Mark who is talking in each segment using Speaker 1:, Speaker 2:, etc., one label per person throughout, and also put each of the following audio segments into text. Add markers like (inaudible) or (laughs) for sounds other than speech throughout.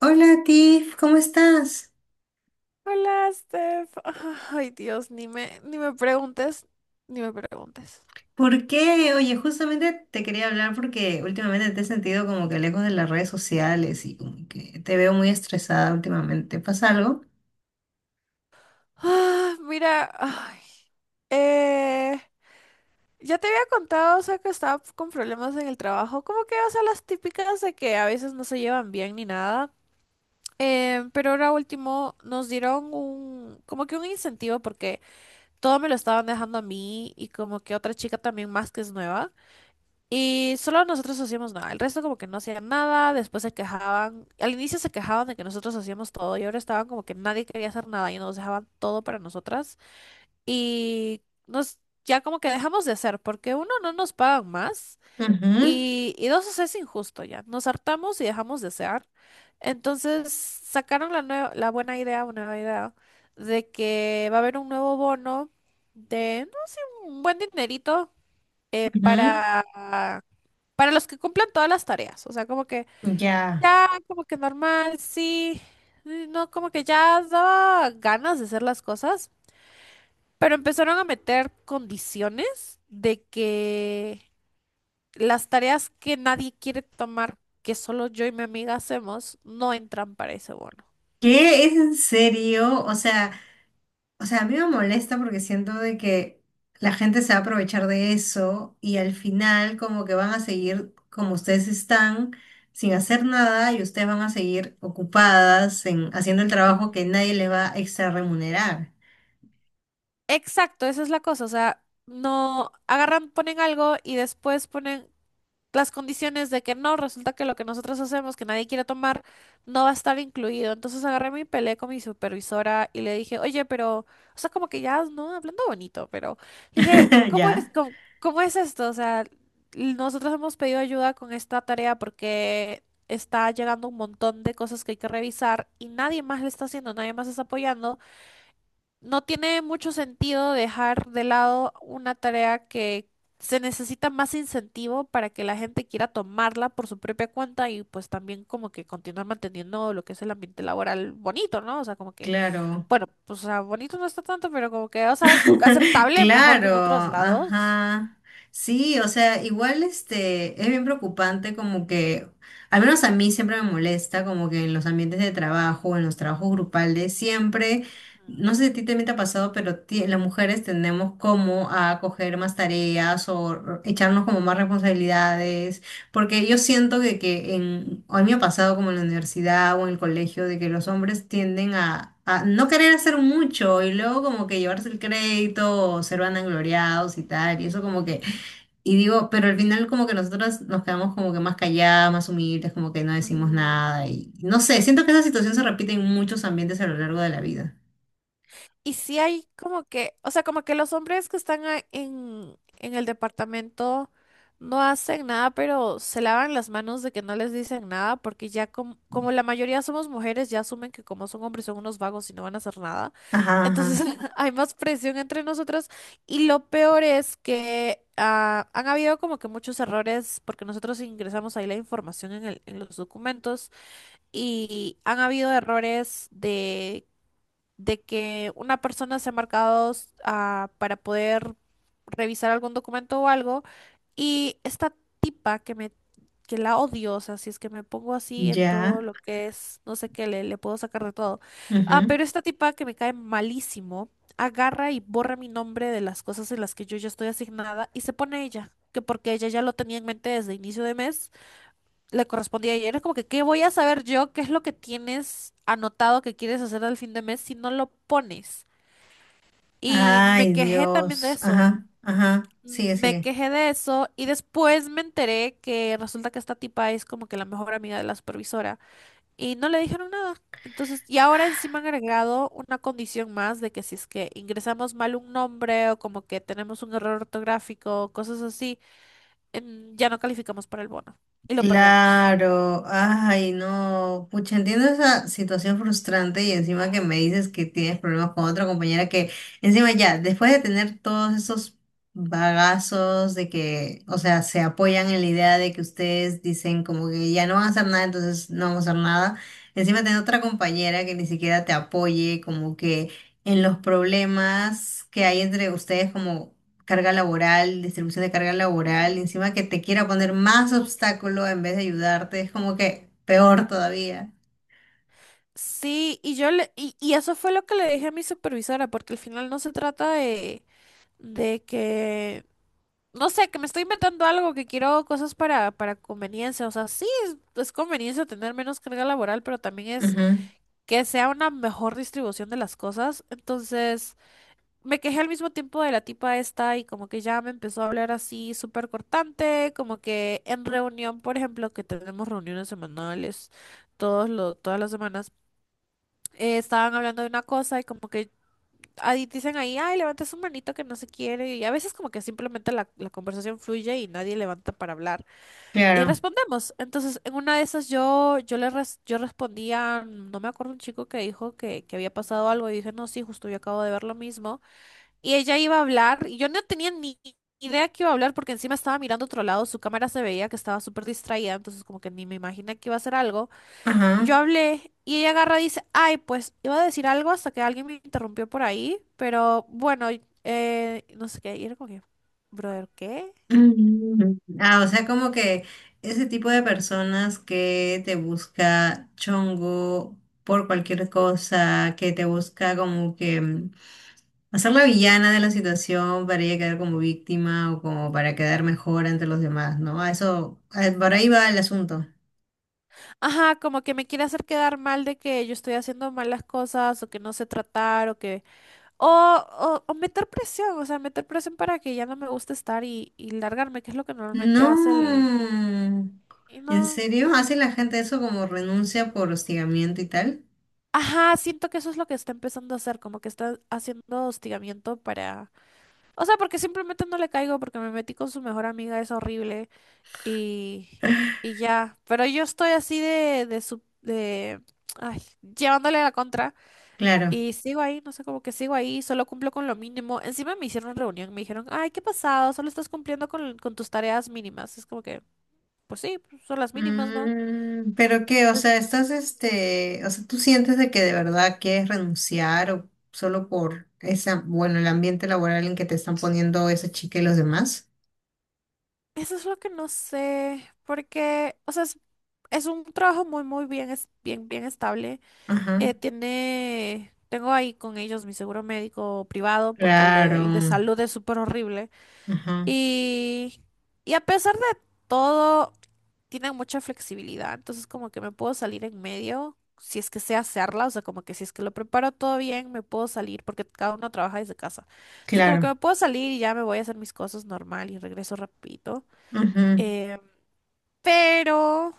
Speaker 1: Hola Tiff, ¿cómo estás?
Speaker 2: Hola, Steph. (laughs) Ay, Dios, ni me preguntes, ni me preguntes.
Speaker 1: ¿Por qué? Oye, justamente te quería hablar porque últimamente te he sentido como que lejos de las redes sociales y como que te veo muy estresada últimamente. ¿Pasa algo?
Speaker 2: Ah, mira, ay, eh, ya te había contado, o sea, que estaba con problemas en el trabajo, como que, o sea, las típicas de que a veces no se llevan bien ni nada. Pero ahora último nos dieron un, como que un incentivo porque todo me lo estaban dejando a mí y como que otra chica también más que es nueva. Y solo nosotros hacíamos nada, el resto como que no hacían nada, después se quejaban, al inicio se quejaban de que nosotros hacíamos todo y ahora estaban como que nadie quería hacer nada y nos dejaban todo para nosotras y nos ya como que dejamos de hacer porque uno no nos pagan más
Speaker 1: Ujú,
Speaker 2: y dos, o sea, es injusto ya, nos hartamos y dejamos de hacer. Entonces sacaron la buena idea, una nueva idea de que va a haber un nuevo bono de, no sé, un buen dinerito,
Speaker 1: ujú.
Speaker 2: para los que cumplen todas las tareas, o sea, como que
Speaker 1: Ya.
Speaker 2: ya, como que normal, sí, no, como que ya daba ganas de hacer las cosas, pero empezaron a meter condiciones de que las tareas que nadie quiere tomar, que solo yo y mi amiga hacemos, no entran para ese bono.
Speaker 1: ¿Qué? ¿Es en serio? O sea, a mí me molesta porque siento de que la gente se va a aprovechar de eso y al final como que van a seguir como ustedes están sin hacer nada y ustedes van a seguir ocupadas en haciendo el trabajo
Speaker 2: Mm.
Speaker 1: que nadie les va a extra remunerar.
Speaker 2: Exacto, esa es la cosa, o sea, no agarran, ponen algo y después ponen las condiciones de que no, resulta que lo que nosotros hacemos, que nadie quiere tomar, no va a estar incluido. Entonces agarré mi peleé con mi supervisora y le dije, oye, pero, o sea, como que ya, ¿no? Hablando bonito, pero le dije,
Speaker 1: (laughs)
Speaker 2: ¿cómo
Speaker 1: Ya,
Speaker 2: es, cómo es esto? O sea, nosotros hemos pedido ayuda con esta tarea porque está llegando un montón de cosas que hay que revisar y nadie más le está haciendo, nadie más está apoyando. No tiene mucho sentido dejar de lado una tarea que se necesita más incentivo para que la gente quiera tomarla por su propia cuenta y pues también como que continuar manteniendo lo que es el ambiente laboral bonito, ¿no? O sea, como que,
Speaker 1: claro.
Speaker 2: bueno, pues o sea, bonito no está tanto, pero como que, o sea,
Speaker 1: (laughs)
Speaker 2: aceptable, mejor que en
Speaker 1: Claro,
Speaker 2: otros lados.
Speaker 1: ajá. Sí, o sea, igual este es bien preocupante como que, al menos a mí siempre me molesta como que en los ambientes de trabajo, en los trabajos grupales, siempre, no sé si a ti también te ha pasado, pero las mujeres tendemos como a coger más tareas o echarnos como más responsabilidades porque yo siento que a mí me ha pasado como en la universidad o en el colegio, de que los hombres tienden a no querer hacer mucho y luego como que llevarse el crédito o ser vanagloriados y tal, y eso como que, y digo, pero al final como que nosotras nos quedamos como que más calladas, más humildes, como que no decimos
Speaker 2: Ujú.
Speaker 1: nada y no sé, siento que esa situación se repite en muchos ambientes a lo largo de la vida.
Speaker 2: Y si hay como que, o sea, como que los hombres que están en el departamento no hacen nada, pero se lavan las manos de que no les dicen nada, porque ya como la mayoría somos mujeres, ya asumen que como son hombres son unos vagos y no van a hacer nada.
Speaker 1: Ajá,
Speaker 2: Entonces
Speaker 1: ajá,
Speaker 2: (laughs) hay más presión entre nosotros. Y lo peor es que han habido como que muchos errores, porque nosotros ingresamos ahí la información en en los documentos y han habido errores de que una persona se ha marcado, para poder revisar algún documento o algo, y esta tipa que me, que la odio, o sea, si es que me pongo así en
Speaker 1: ya.
Speaker 2: todo lo que es, no sé qué, le puedo sacar de todo. Ah,
Speaker 1: Ujú.
Speaker 2: pero esta tipa que me cae malísimo, agarra y borra mi nombre de las cosas en las que yo ya estoy asignada y se pone ella, que porque ella ya lo tenía en mente desde inicio de mes le correspondía ayer. Es como que, ¿qué voy a saber yo qué es lo que tienes anotado que quieres hacer al fin de mes si no lo pones? Y me
Speaker 1: Ay,
Speaker 2: quejé también de
Speaker 1: Dios.
Speaker 2: eso.
Speaker 1: Ajá, ajá, sigue,
Speaker 2: Me
Speaker 1: sigue.
Speaker 2: quejé de eso y después me enteré que resulta que esta tipa es como que la mejor amiga de la supervisora y no le dijeron nada. Entonces, y ahora encima han agregado una condición más de que si es que ingresamos mal un nombre o como que tenemos un error ortográfico, cosas así, ya no calificamos para el bono y lo perdemos.
Speaker 1: Claro, ay, no, pucha, entiendo esa situación frustrante y encima que me dices que tienes problemas con otra compañera que encima ya, después de tener todos esos bagazos de que, o sea, se apoyan en la idea de que ustedes dicen como que ya no van a hacer nada, entonces no vamos a hacer nada, encima tener otra compañera que ni siquiera te apoye como que en los problemas que hay entre ustedes como carga laboral, distribución de carga laboral, y
Speaker 2: Ujú.
Speaker 1: encima que te quiera poner más obstáculo en vez de ayudarte, es como que peor todavía.
Speaker 2: Sí, y yo le, y eso fue lo que le dije a mi supervisora, porque al final no se trata de que, no sé, que me estoy inventando algo, que quiero cosas para conveniencia. O sea, sí, es conveniencia tener menos carga laboral, pero también es
Speaker 1: Ujú,
Speaker 2: que sea una mejor distribución de las cosas. Entonces, me quejé al mismo tiempo de la tipa esta y como que ya me empezó a hablar así súper cortante, como que en reunión, por ejemplo, que tenemos reuniones semanales todas las semanas, estaban hablando de una cosa y como que ahí dicen ahí, ay, levanta su manito que no se quiere. Y a veces como que simplemente la conversación fluye y nadie levanta para hablar. Y
Speaker 1: claro.
Speaker 2: respondemos. Entonces, en una de esas yo, yo respondía, no me acuerdo un chico que dijo que había pasado algo y dije, no, sí, justo yo acabo de ver lo mismo. Y ella iba a hablar y yo no tenía ni idea que iba a hablar porque encima estaba mirando otro lado, su cámara se veía que estaba súper distraída, entonces como que ni me imaginé que iba a hacer algo. Yo
Speaker 1: Ajá. (clears throat)
Speaker 2: hablé y ella agarra y dice, ay, pues iba a decir algo hasta que alguien me interrumpió por ahí, pero bueno, no sé qué, y era como que, brother, ¿qué?
Speaker 1: Mm. Ah, o sea, como que ese tipo de personas que te busca chongo por cualquier cosa, que te busca como que hacer la villana de la situación para ella quedar como víctima o como para quedar mejor ante los demás, ¿no? A eso, por ahí va el asunto.
Speaker 2: Ajá, como que me quiere hacer quedar mal de que yo estoy haciendo mal las cosas o que no sé tratar o que... O, o meter presión, o sea, meter presión para que ya no me guste estar y largarme, que es lo que normalmente hace el...
Speaker 1: No.
Speaker 2: Y
Speaker 1: ¿En
Speaker 2: no...
Speaker 1: serio? ¿Hace la gente eso como renuncia por hostigamiento y tal?
Speaker 2: Ajá, siento que eso es lo que está empezando a hacer, como que está haciendo hostigamiento para... O sea, porque simplemente no le caigo porque me metí con su mejor amiga, es horrible. Y, y ya. Pero yo estoy así de su, de, ay, llevándole la contra.
Speaker 1: Claro.
Speaker 2: Y sigo ahí, no sé, como que sigo ahí, solo cumplo con lo mínimo. Encima me hicieron reunión, me dijeron, ay, qué pasado, solo estás cumpliendo con tus tareas mínimas. Es como que, pues sí, pues son las mínimas, ¿no?
Speaker 1: Mm, pero qué, o
Speaker 2: Pues
Speaker 1: sea, estás este, o sea, tú sientes de que de verdad quieres renunciar o solo por esa, bueno, el ambiente laboral en que te están poniendo esa chica y los demás.
Speaker 2: eso es lo que no sé, porque, o sea, es un trabajo muy, muy bien, es bien, bien estable.
Speaker 1: Ajá.
Speaker 2: Tiene, tengo ahí con ellos mi seguro médico privado porque el de
Speaker 1: Claro.
Speaker 2: salud es súper horrible.
Speaker 1: Ajá.
Speaker 2: Y, y a pesar de todo, tienen mucha flexibilidad. Entonces como que me puedo salir en medio, si es que sé hacerla, o sea, como que si es que lo preparo todo bien, me puedo salir porque cada uno trabaja desde casa. Entonces como que
Speaker 1: Claro.
Speaker 2: me puedo salir y ya me voy a hacer mis cosas normal y regreso rapidito.
Speaker 1: Ajá.
Speaker 2: Eh, pero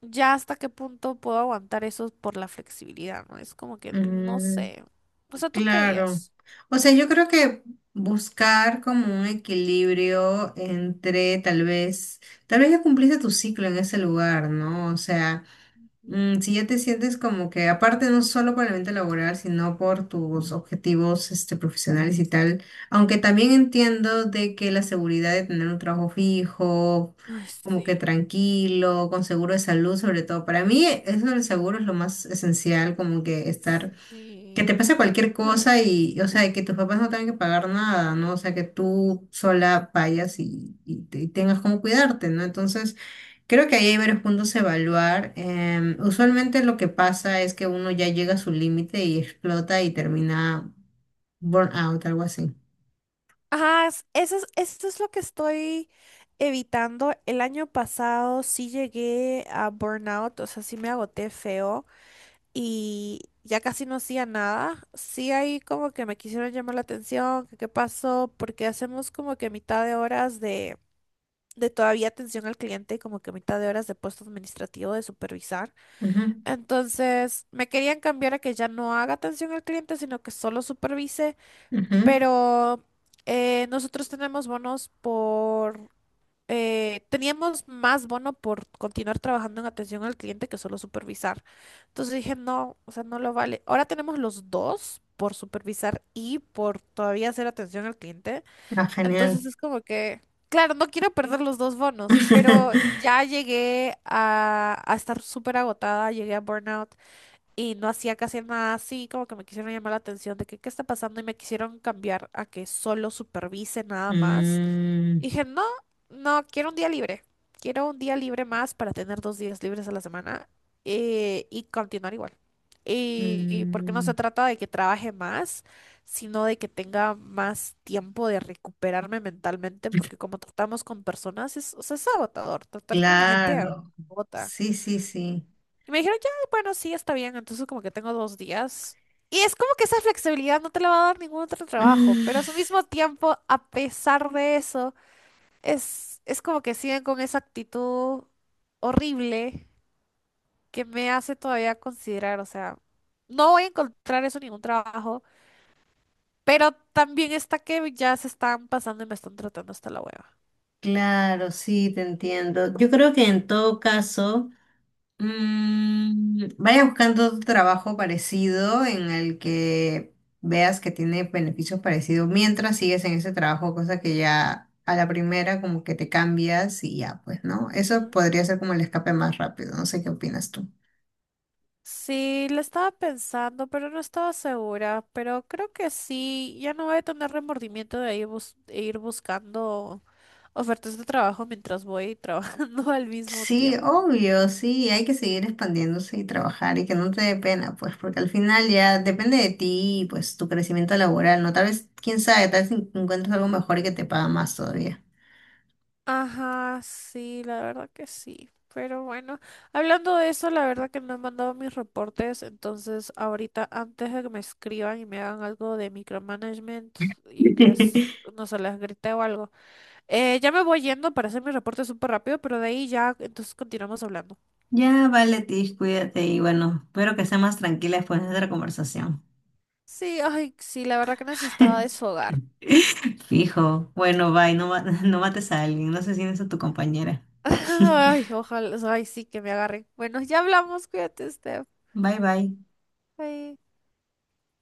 Speaker 2: ya hasta qué punto puedo aguantar eso por la flexibilidad, ¿no? Es como que no sé. O sea, ¿tú qué
Speaker 1: Claro.
Speaker 2: harías?
Speaker 1: O sea, yo creo que buscar como un equilibrio entre tal vez ya cumpliste tu ciclo en ese lugar, ¿no? O sea, si ya te sientes como que aparte no solo por el ambiente laboral, sino por tus objetivos este, profesionales y tal, aunque también entiendo de que la seguridad de tener un trabajo fijo,
Speaker 2: Ay,
Speaker 1: como que
Speaker 2: sí,
Speaker 1: tranquilo, con seguro de salud, sobre todo, para mí eso del seguro es lo más esencial, como que estar que te
Speaker 2: sí.
Speaker 1: pase cualquier
Speaker 2: (laughs) Ajá,
Speaker 1: cosa o sea, que tus papás no tengan que pagar nada, ¿no? O sea, que tú sola vayas y y tengas cómo cuidarte, ¿no? Entonces, creo que ahí hay varios puntos a evaluar. Usualmente lo que pasa es que uno ya llega a su límite y explota y termina burnout, algo así.
Speaker 2: Eso es lo que estoy evitando. El año pasado sí llegué a burnout, o sea, sí me agoté feo y ya casi no hacía nada. Sí ahí como que me quisieron llamar la atención, que qué pasó, porque hacemos como que mitad de horas de todavía atención al cliente, como que mitad de horas de puesto administrativo de supervisar. Entonces, me querían cambiar a que ya no haga atención al cliente, sino que solo supervise,
Speaker 1: Ujú, ujú.
Speaker 2: pero nosotros tenemos bonos por... Teníamos más bono por continuar trabajando en atención al cliente que solo supervisar. Entonces dije, no, o sea, no lo vale. Ahora tenemos los dos por supervisar y por todavía hacer atención al cliente.
Speaker 1: Ah,
Speaker 2: Entonces
Speaker 1: genial.
Speaker 2: es como que, claro, no quiero perder los dos bonos, pero ya
Speaker 1: (laughs)
Speaker 2: llegué a estar súper agotada, llegué a burnout y no hacía casi nada así, como que me quisieron llamar la atención de que qué está pasando y me quisieron cambiar a que solo supervise nada más.
Speaker 1: Mm,
Speaker 2: Y dije, no, no, quiero un día libre, quiero un día libre más para tener dos días libres a la semana, y continuar igual. Y porque no
Speaker 1: mm,
Speaker 2: se trata de que trabaje más, sino de que tenga más tiempo de recuperarme mentalmente, porque como tratamos con personas, es, o sea, es agotador, tratar con gente
Speaker 1: claro.
Speaker 2: agota.
Speaker 1: Sí, sí, sí.
Speaker 2: Y me dijeron, ya, bueno, sí, está bien. Entonces como que tengo dos días. Y es como que esa flexibilidad no te la va a dar ningún otro trabajo, pero a su
Speaker 1: (laughs)
Speaker 2: mismo tiempo, a pesar de eso, es como que siguen con esa actitud horrible que me hace todavía considerar, o sea, no voy a encontrar eso en ningún trabajo, pero también está que ya se están pasando y me están tratando hasta la hueva.
Speaker 1: Claro, sí, te entiendo. Yo creo que en todo caso, vaya buscando otro trabajo parecido en el que veas que tiene beneficios parecidos mientras sigues en ese trabajo, cosa que ya a la primera como que te cambias y ya, pues, ¿no? Eso
Speaker 2: Ujú.
Speaker 1: podría ser como el escape más rápido. No sé qué opinas tú.
Speaker 2: Sí, lo estaba pensando, pero no estaba segura. Pero creo que sí, ya no voy a tener remordimiento de ir, de ir buscando ofertas de trabajo mientras voy trabajando (laughs) al mismo
Speaker 1: Sí,
Speaker 2: tiempo.
Speaker 1: obvio, sí, hay que seguir expandiéndose y trabajar y que no te dé pena, pues, porque al final ya depende de ti y pues tu crecimiento laboral, ¿no? Tal vez, quién sabe, tal vez encuentres algo mejor y que te paga más todavía.
Speaker 2: Ajá, sí, la verdad que sí. Pero bueno, hablando de eso, la verdad que no he mandado mis reportes, entonces ahorita antes de que me escriban y me hagan algo de micromanagement y les,
Speaker 1: (laughs)
Speaker 2: no sé, les grité o algo. Ya me voy yendo para hacer mi reporte súper rápido, pero de ahí ya, entonces continuamos hablando.
Speaker 1: Ya, vale, Tish, cuídate y bueno, espero que sea más tranquila después de nuestra conversación.
Speaker 2: Sí, ay, sí, la verdad que necesitaba
Speaker 1: (laughs)
Speaker 2: desfogar.
Speaker 1: Fijo, bueno, bye, no, (laughs) no mates a alguien, no asesines a tu compañera. (laughs)
Speaker 2: (laughs) Ay, ojalá, ay, sí, que me agarren. Bueno, ya hablamos, cuídate, Steph.
Speaker 1: Bye, bye.
Speaker 2: Bye.